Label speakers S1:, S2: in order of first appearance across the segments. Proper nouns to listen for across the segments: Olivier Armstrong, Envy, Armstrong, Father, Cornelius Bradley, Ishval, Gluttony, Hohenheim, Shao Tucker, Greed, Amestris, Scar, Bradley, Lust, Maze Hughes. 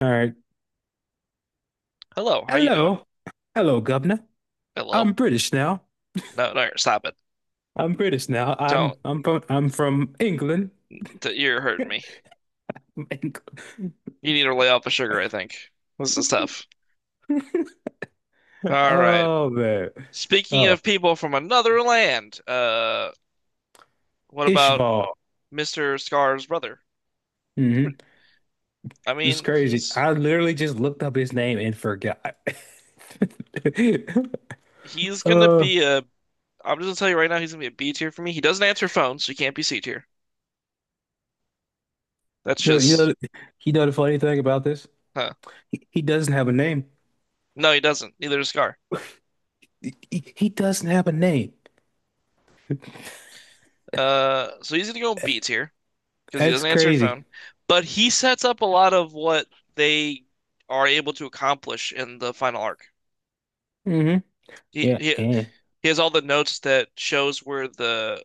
S1: All right.
S2: Hello, how you doing?
S1: Hello. Hello, Governor.
S2: Hello.
S1: I'm British now.
S2: No, no, stop it.
S1: I'm British now. I'm
S2: Don't.
S1: I'm from I'm from England.
S2: You're hurting me.
S1: From England.
S2: You need to lay off the sugar, I think. This is tough. All right.
S1: Oh man.
S2: Speaking
S1: Oh,
S2: of people from another land, what about
S1: Ishval.
S2: Mr. Scar's brother?
S1: Hmm.
S2: I
S1: It's
S2: mean,
S1: crazy. I literally just looked up his name and forgot.
S2: he's gonna
S1: Uh,
S2: be a. I'm just gonna tell you right now, he's gonna be a B tier for me. He doesn't answer phones, so he can't be C tier. That's
S1: you know, you
S2: just,
S1: know, you know the funny thing about this?
S2: huh?
S1: He doesn't have a name.
S2: No, he doesn't. Neither does Scar.
S1: He doesn't have a name.
S2: So he's gonna go B tier, because he
S1: That's
S2: doesn't answer
S1: crazy.
S2: phone. But he sets up a lot of what they are able to accomplish in the final arc.
S1: Hmm.
S2: He
S1: Yeah.
S2: he,
S1: Yeah.
S2: he has all the notes that shows where the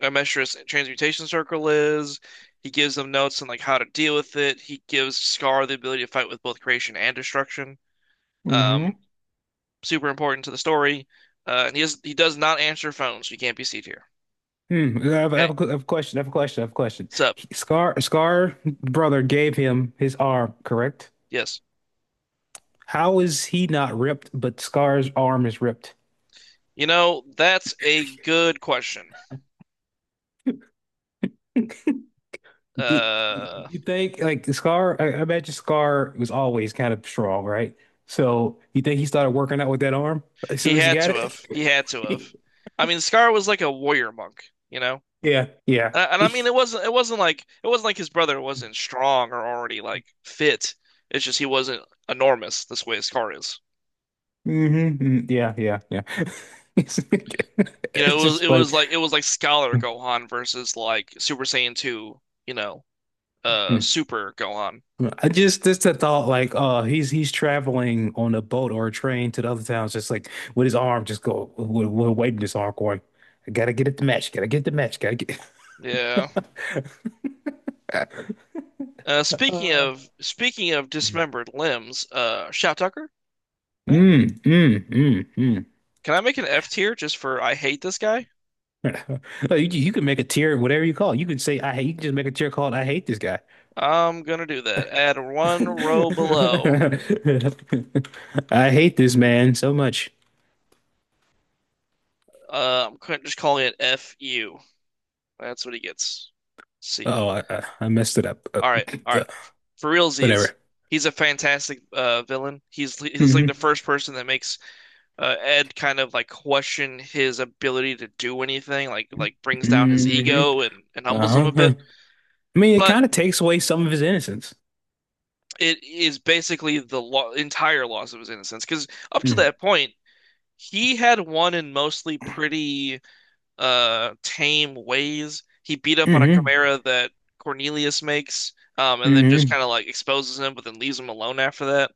S2: Amestris transmutation circle is. He gives them notes on like how to deal with it. He gives Scar the ability to fight with both creation and destruction.
S1: Hmm.
S2: Um, Super important to the story. And he does not answer phones. So you can't be seated here.
S1: Hmm.
S2: Hey,
S1: I have a question. I have a question. I have a question.
S2: sup?
S1: He- Scar, Scar brother gave him his arm, correct?
S2: Yes.
S1: How is he not ripped, but Scar's arm is ripped?
S2: You know, that's a good question.
S1: Did you
S2: Uh,
S1: you think like Scar? I imagine Scar was always kind of strong, right? So you think he started working out with that arm as soon
S2: He
S1: as he
S2: had
S1: got
S2: to have. He had to
S1: it?
S2: have. I mean, Scar was like a warrior monk, you know?
S1: Yeah, yeah.
S2: And, I mean, it wasn't like his brother wasn't strong or already like fit. It's just he wasn't enormous this way Scar is.
S1: Hmm. Yeah, yeah, yeah. It's
S2: You know,
S1: just funny.
S2: it was like Scholar
S1: Mm-hmm.
S2: Gohan versus like Super Saiyan 2, you know, Super Gohan.
S1: I just the thought like he's traveling on a boat or a train to the other towns just like with his arm just go with waving his arm going, I gotta get at the match, gotta get the match, gotta get. uh,
S2: Yeah. Speaking of dismembered limbs, Shout Tucker, eh?
S1: mm, mm, mm, mm.
S2: Can I make an F tier just for I hate this guy?
S1: You can make a tier whatever you call it. You can say I hate, you can just make a tier called I hate this guy.
S2: I'm gonna do that. Add one row below.
S1: I hate this man so much.
S2: I'm just calling it FU. That's what he gets. See ya.
S1: Oh, I messed it up.
S2: All right, all right. For realsies,
S1: Whatever.
S2: he's a fantastic villain. He's like
S1: Hmm.
S2: the first person that makes Ed kind of like question his ability to do anything, like brings down his
S1: Hmm.
S2: ego and humbles him
S1: Uh-huh.
S2: a bit.
S1: Uh-huh. I mean, it
S2: But
S1: kind of takes away some of his innocence.
S2: it is basically the lo entire loss of his innocence because up to
S1: Mm.
S2: that point, he had won in mostly pretty tame ways. He beat up on a
S1: Mm-hmm.
S2: chimera that Cornelius makes, and then just
S1: Mm-hmm.
S2: kind of like exposes him, but then leaves him alone after that.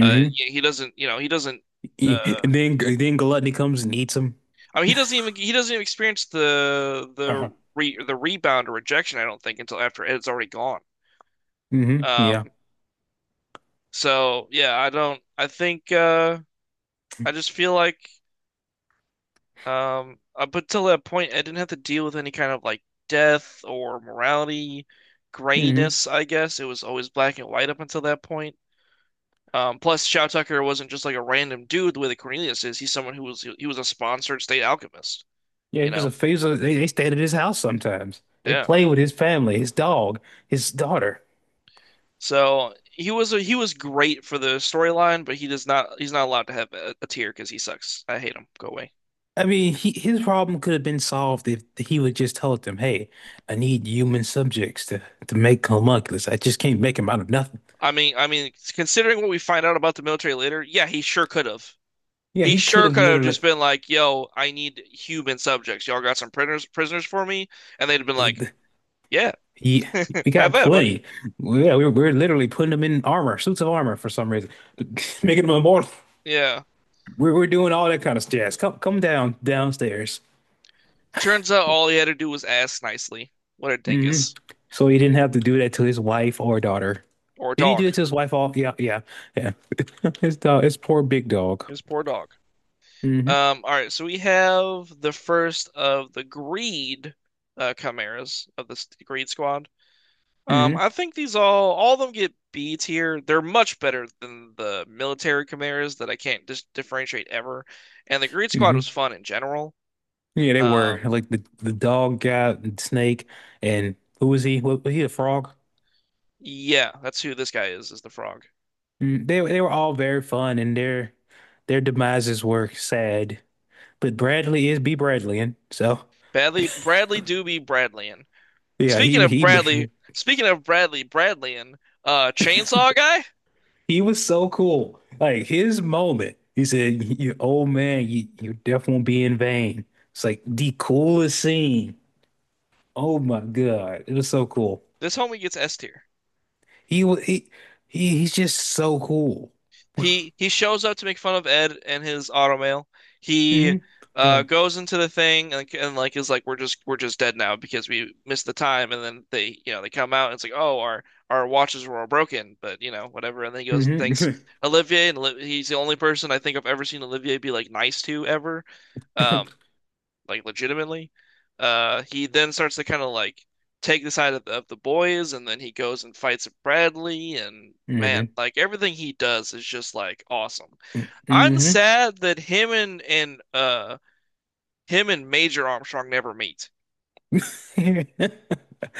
S2: Yeah, he doesn't. Uh,
S1: He- and then Gluttony comes and eats him.
S2: I mean, he doesn't even experience the
S1: Uh-huh.
S2: the rebound or rejection. I don't think until after Ed's already gone.
S1: Mm-hmm. Yeah.
S2: Um, so yeah, I don't. I think I just feel like. Up until that point, I didn't have to deal with any kind of like death or morality,
S1: Mm-hmm.
S2: grayness, I guess. It was always black and white up until that point. Plus, Shao Tucker wasn't just like a random dude the way that Cornelius is. He's someone who was he was a sponsored state alchemist,
S1: Yeah,
S2: you
S1: he was a
S2: know?
S1: faisal. They stayed at his house sometimes. They
S2: Yeah.
S1: played with his family, his dog, his daughter.
S2: So he was great for the storyline, but he's not allowed to have a tier because he sucks. I hate him. Go away.
S1: I mean, he, his problem could have been solved if he would just tell them, "Hey, I need human subjects to make homunculus. I just can't make him out of nothing."
S2: I mean, considering what we find out about the military later, yeah, he sure could have.
S1: Yeah,
S2: He
S1: he could
S2: sure
S1: have
S2: could have
S1: literally.
S2: just been like, "Yo, I need human subjects. Y'all got some prisoners for me?" And they'd have been like, "Yeah,
S1: He, we got
S2: have at it, buddy."
S1: plenty. Well, yeah, we were literally putting them in armor, suits of armor for some reason, making them immortal.
S2: Yeah.
S1: We're doing all that kind of jazz. Come, come down, downstairs.
S2: Turns out all he had to do was ask nicely. What a
S1: Hmm.
S2: dingus.
S1: So he didn't have to do that to his wife or daughter.
S2: Or
S1: Didn't he do
S2: dog.
S1: it to his wife? All yeah, yeah, yeah. His dog, his poor big dog.
S2: His poor dog.
S1: Hmm.
S2: All right, so we have the first of the greed chimeras of the greed squad.
S1: Hmm.
S2: I think these all of them get B tier. They're much better than the military chimeras that I can't dis differentiate ever. And the greed squad
S1: Hmm.
S2: was fun in general.
S1: Yeah, they were
S2: Um,
S1: like the dog guy, and snake, and who was he? Was he a frog?
S2: yeah, that's who this guy is the frog.
S1: Mm. They were all very fun, and their demises were sad. But Bradley is B Bradleyan, so
S2: Bradley Doobie Bradleyan.
S1: yeah,
S2: Speaking of
S1: he
S2: Bradley, speaking of Bradley Bradleyan, Chainsaw guy,
S1: he was so cool. Like his moment, he said, "You old man, you your death won't be in vain." It's like the coolest scene. Oh my God, it was so cool.
S2: this homie gets S tier.
S1: He was he he's just so cool.
S2: He shows up to make fun of Ed and his automail. He
S1: Hmm.
S2: goes into the thing and, like is like we're just dead now because we missed the time, and then they, you know, they come out and it's like, oh, our watches were all broken, but you know whatever, and then he goes and thanks
S1: Mm-hmm.
S2: Olivier, and he's the only person I think I've ever seen Olivier be like nice to ever. Um
S1: Hmm.
S2: like legitimately. He then starts to kind of like take the side of of the boys, and then he goes and fights Bradley. And man,
S1: Hmm.
S2: like everything he does is just like awesome. I'm
S1: Mm-hmm.
S2: sad that him and him and Major Armstrong never meet.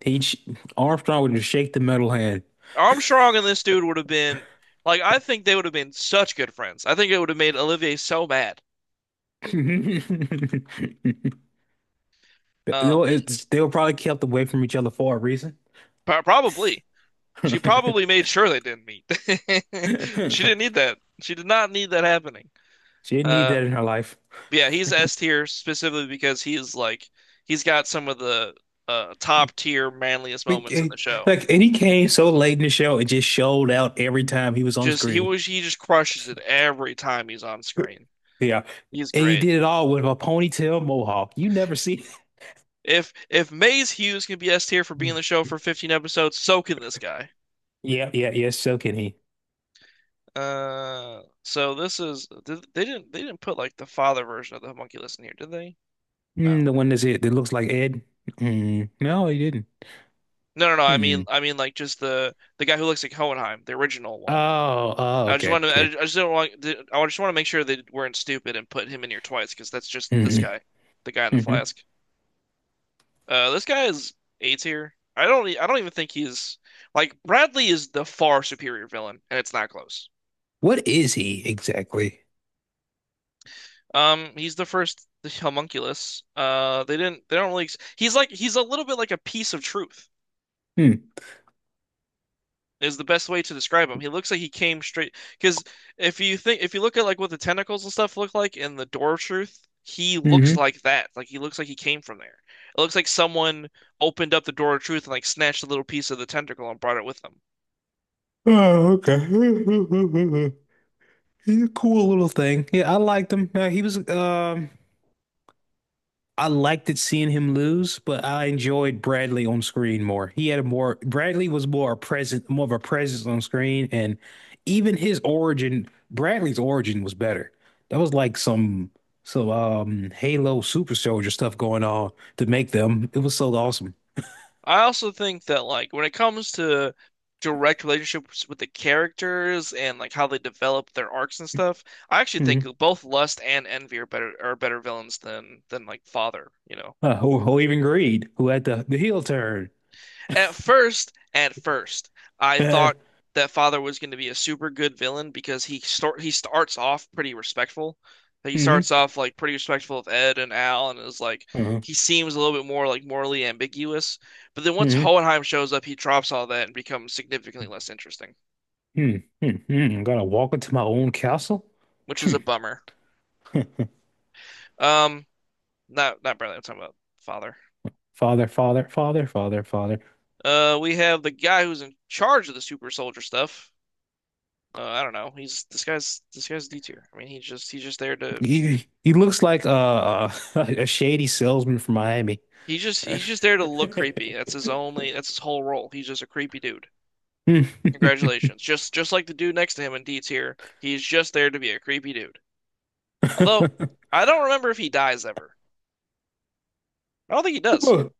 S1: He sh- Armstrong would just shake the metal hand.
S2: Armstrong and this dude would have been like I think they would have been such good friends. I think it would have made Olivier so mad. Um,
S1: They'll,
S2: y-
S1: it's, they were probably kept away from each other for a reason.
S2: Probably she probably made sure they didn't meet. She didn't need that. She did not need that happening.
S1: She didn't need
S2: Uh,
S1: that in her life.
S2: yeah, he's S tier specifically because he's got some of the top tier manliest
S1: But,
S2: moments in
S1: eh,
S2: the show.
S1: like, and he came so late in the show and just showed out every time he was on
S2: Just
S1: screen.
S2: he just crushes it every time he's on screen.
S1: Yeah.
S2: He's
S1: And he
S2: great.
S1: did it all with a ponytail mohawk. You never see.
S2: If Maze Hughes can be S tier for being in
S1: Mm.
S2: the show for 15 episodes, so can this guy.
S1: Yeah, yeah, yeah. So can he?
S2: So this is they didn't put like the father version of the homunculus in here, did they?
S1: Mm,
S2: No.
S1: the one that's it that looks like Ed. Mm, no, he didn't.
S2: No, no, no.
S1: Hmm.
S2: I mean, like just the guy who looks like Hohenheim, the original one.
S1: Oh, oh,
S2: I just
S1: okay,
S2: want to. I
S1: okay.
S2: just don't want. I just want to make sure they weren't stupid and put him in here twice because that's just this
S1: Hmm.
S2: guy, the guy in the
S1: Hmm. Hmm.
S2: flask. This guy is A tier. I don't. I don't even think he's like Bradley is the far superior villain, and it's not close.
S1: What is he exactly?
S2: He's the first the homunculus. They didn't. They don't really. He's like. He's a little bit like a piece of truth.
S1: Hmm.
S2: Is the best way to describe him. He looks like he came straight because if you look at like what the tentacles and stuff look like in the Door of Truth, he looks
S1: Hmm.
S2: like that. Like he looks like he came from there. It looks like someone opened up the Door of Truth and like snatched a little piece of the tentacle and brought it with them.
S1: Oh, okay. He's a cool little thing. Yeah, I liked him. He was I liked it seeing him lose, but I enjoyed Bradley on screen more. He had a more Bradley was more a present, more of a presence on screen, and even his origin, Bradley's origin was better. That was like some Halo super soldier stuff going on to make them. It was so awesome.
S2: I also think that like when it comes to direct relationships with the characters and like how they develop their arcs and stuff, I actually think
S1: Hmm.
S2: both Lust and Envy are better villains than like Father, you know.
S1: Who even Greed, who had the heel turn.
S2: At first, I
S1: Hmm.
S2: thought that Father was going to be a super good villain because he starts off pretty respectful. Like, he starts off like pretty respectful of Ed and Al, and is like
S1: Hmm.
S2: he seems a little bit more like morally ambiguous. But then once
S1: Hmm.
S2: Hohenheim shows up, he drops all that and becomes significantly less interesting,
S1: Hmm. Hmm. Hmm. Gotta walk into my own castle.
S2: which is
S1: Hmm.
S2: a bummer. Um, Not not Bradley. I'm talking about Father.
S1: Father, father, father, father, father.
S2: We have the guy who's in charge of the super soldier stuff. I don't know. He's This guy's D tier. I mean, he's just there to
S1: He looks like a a, shady salesman from Miami.
S2: He's just there to look creepy. That's his only that's his whole role. He's just a creepy dude.
S1: Hmm.
S2: Congratulations. Just like the dude next to him in Deets here, he's just there to be a creepy dude. Although I don't remember if he dies ever. I don't think he does.
S1: People,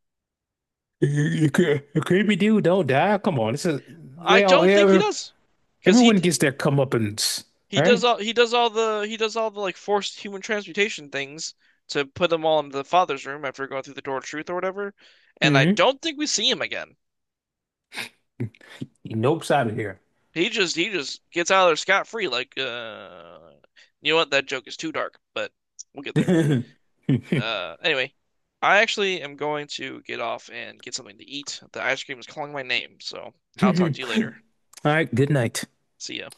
S1: you, you, you creepy dude, don't die. Come on, this is
S2: I
S1: they all
S2: don't think he
S1: yeah,
S2: does. Because
S1: everyone gets their comeuppance. All right.
S2: he does all the like forced human transmutation things to put them all into the father's room after going through the door of truth or whatever. And I
S1: Mm-hmm.
S2: don't think we see him again.
S1: He nopes out of here.
S2: He just gets out of there scot free. Like, you know what? That joke is too dark, but we'll get there. Anyway, I actually am going to get off and get something to eat. The ice cream is calling my name, so I'll talk to you later.
S1: All right. Good night.
S2: See ya.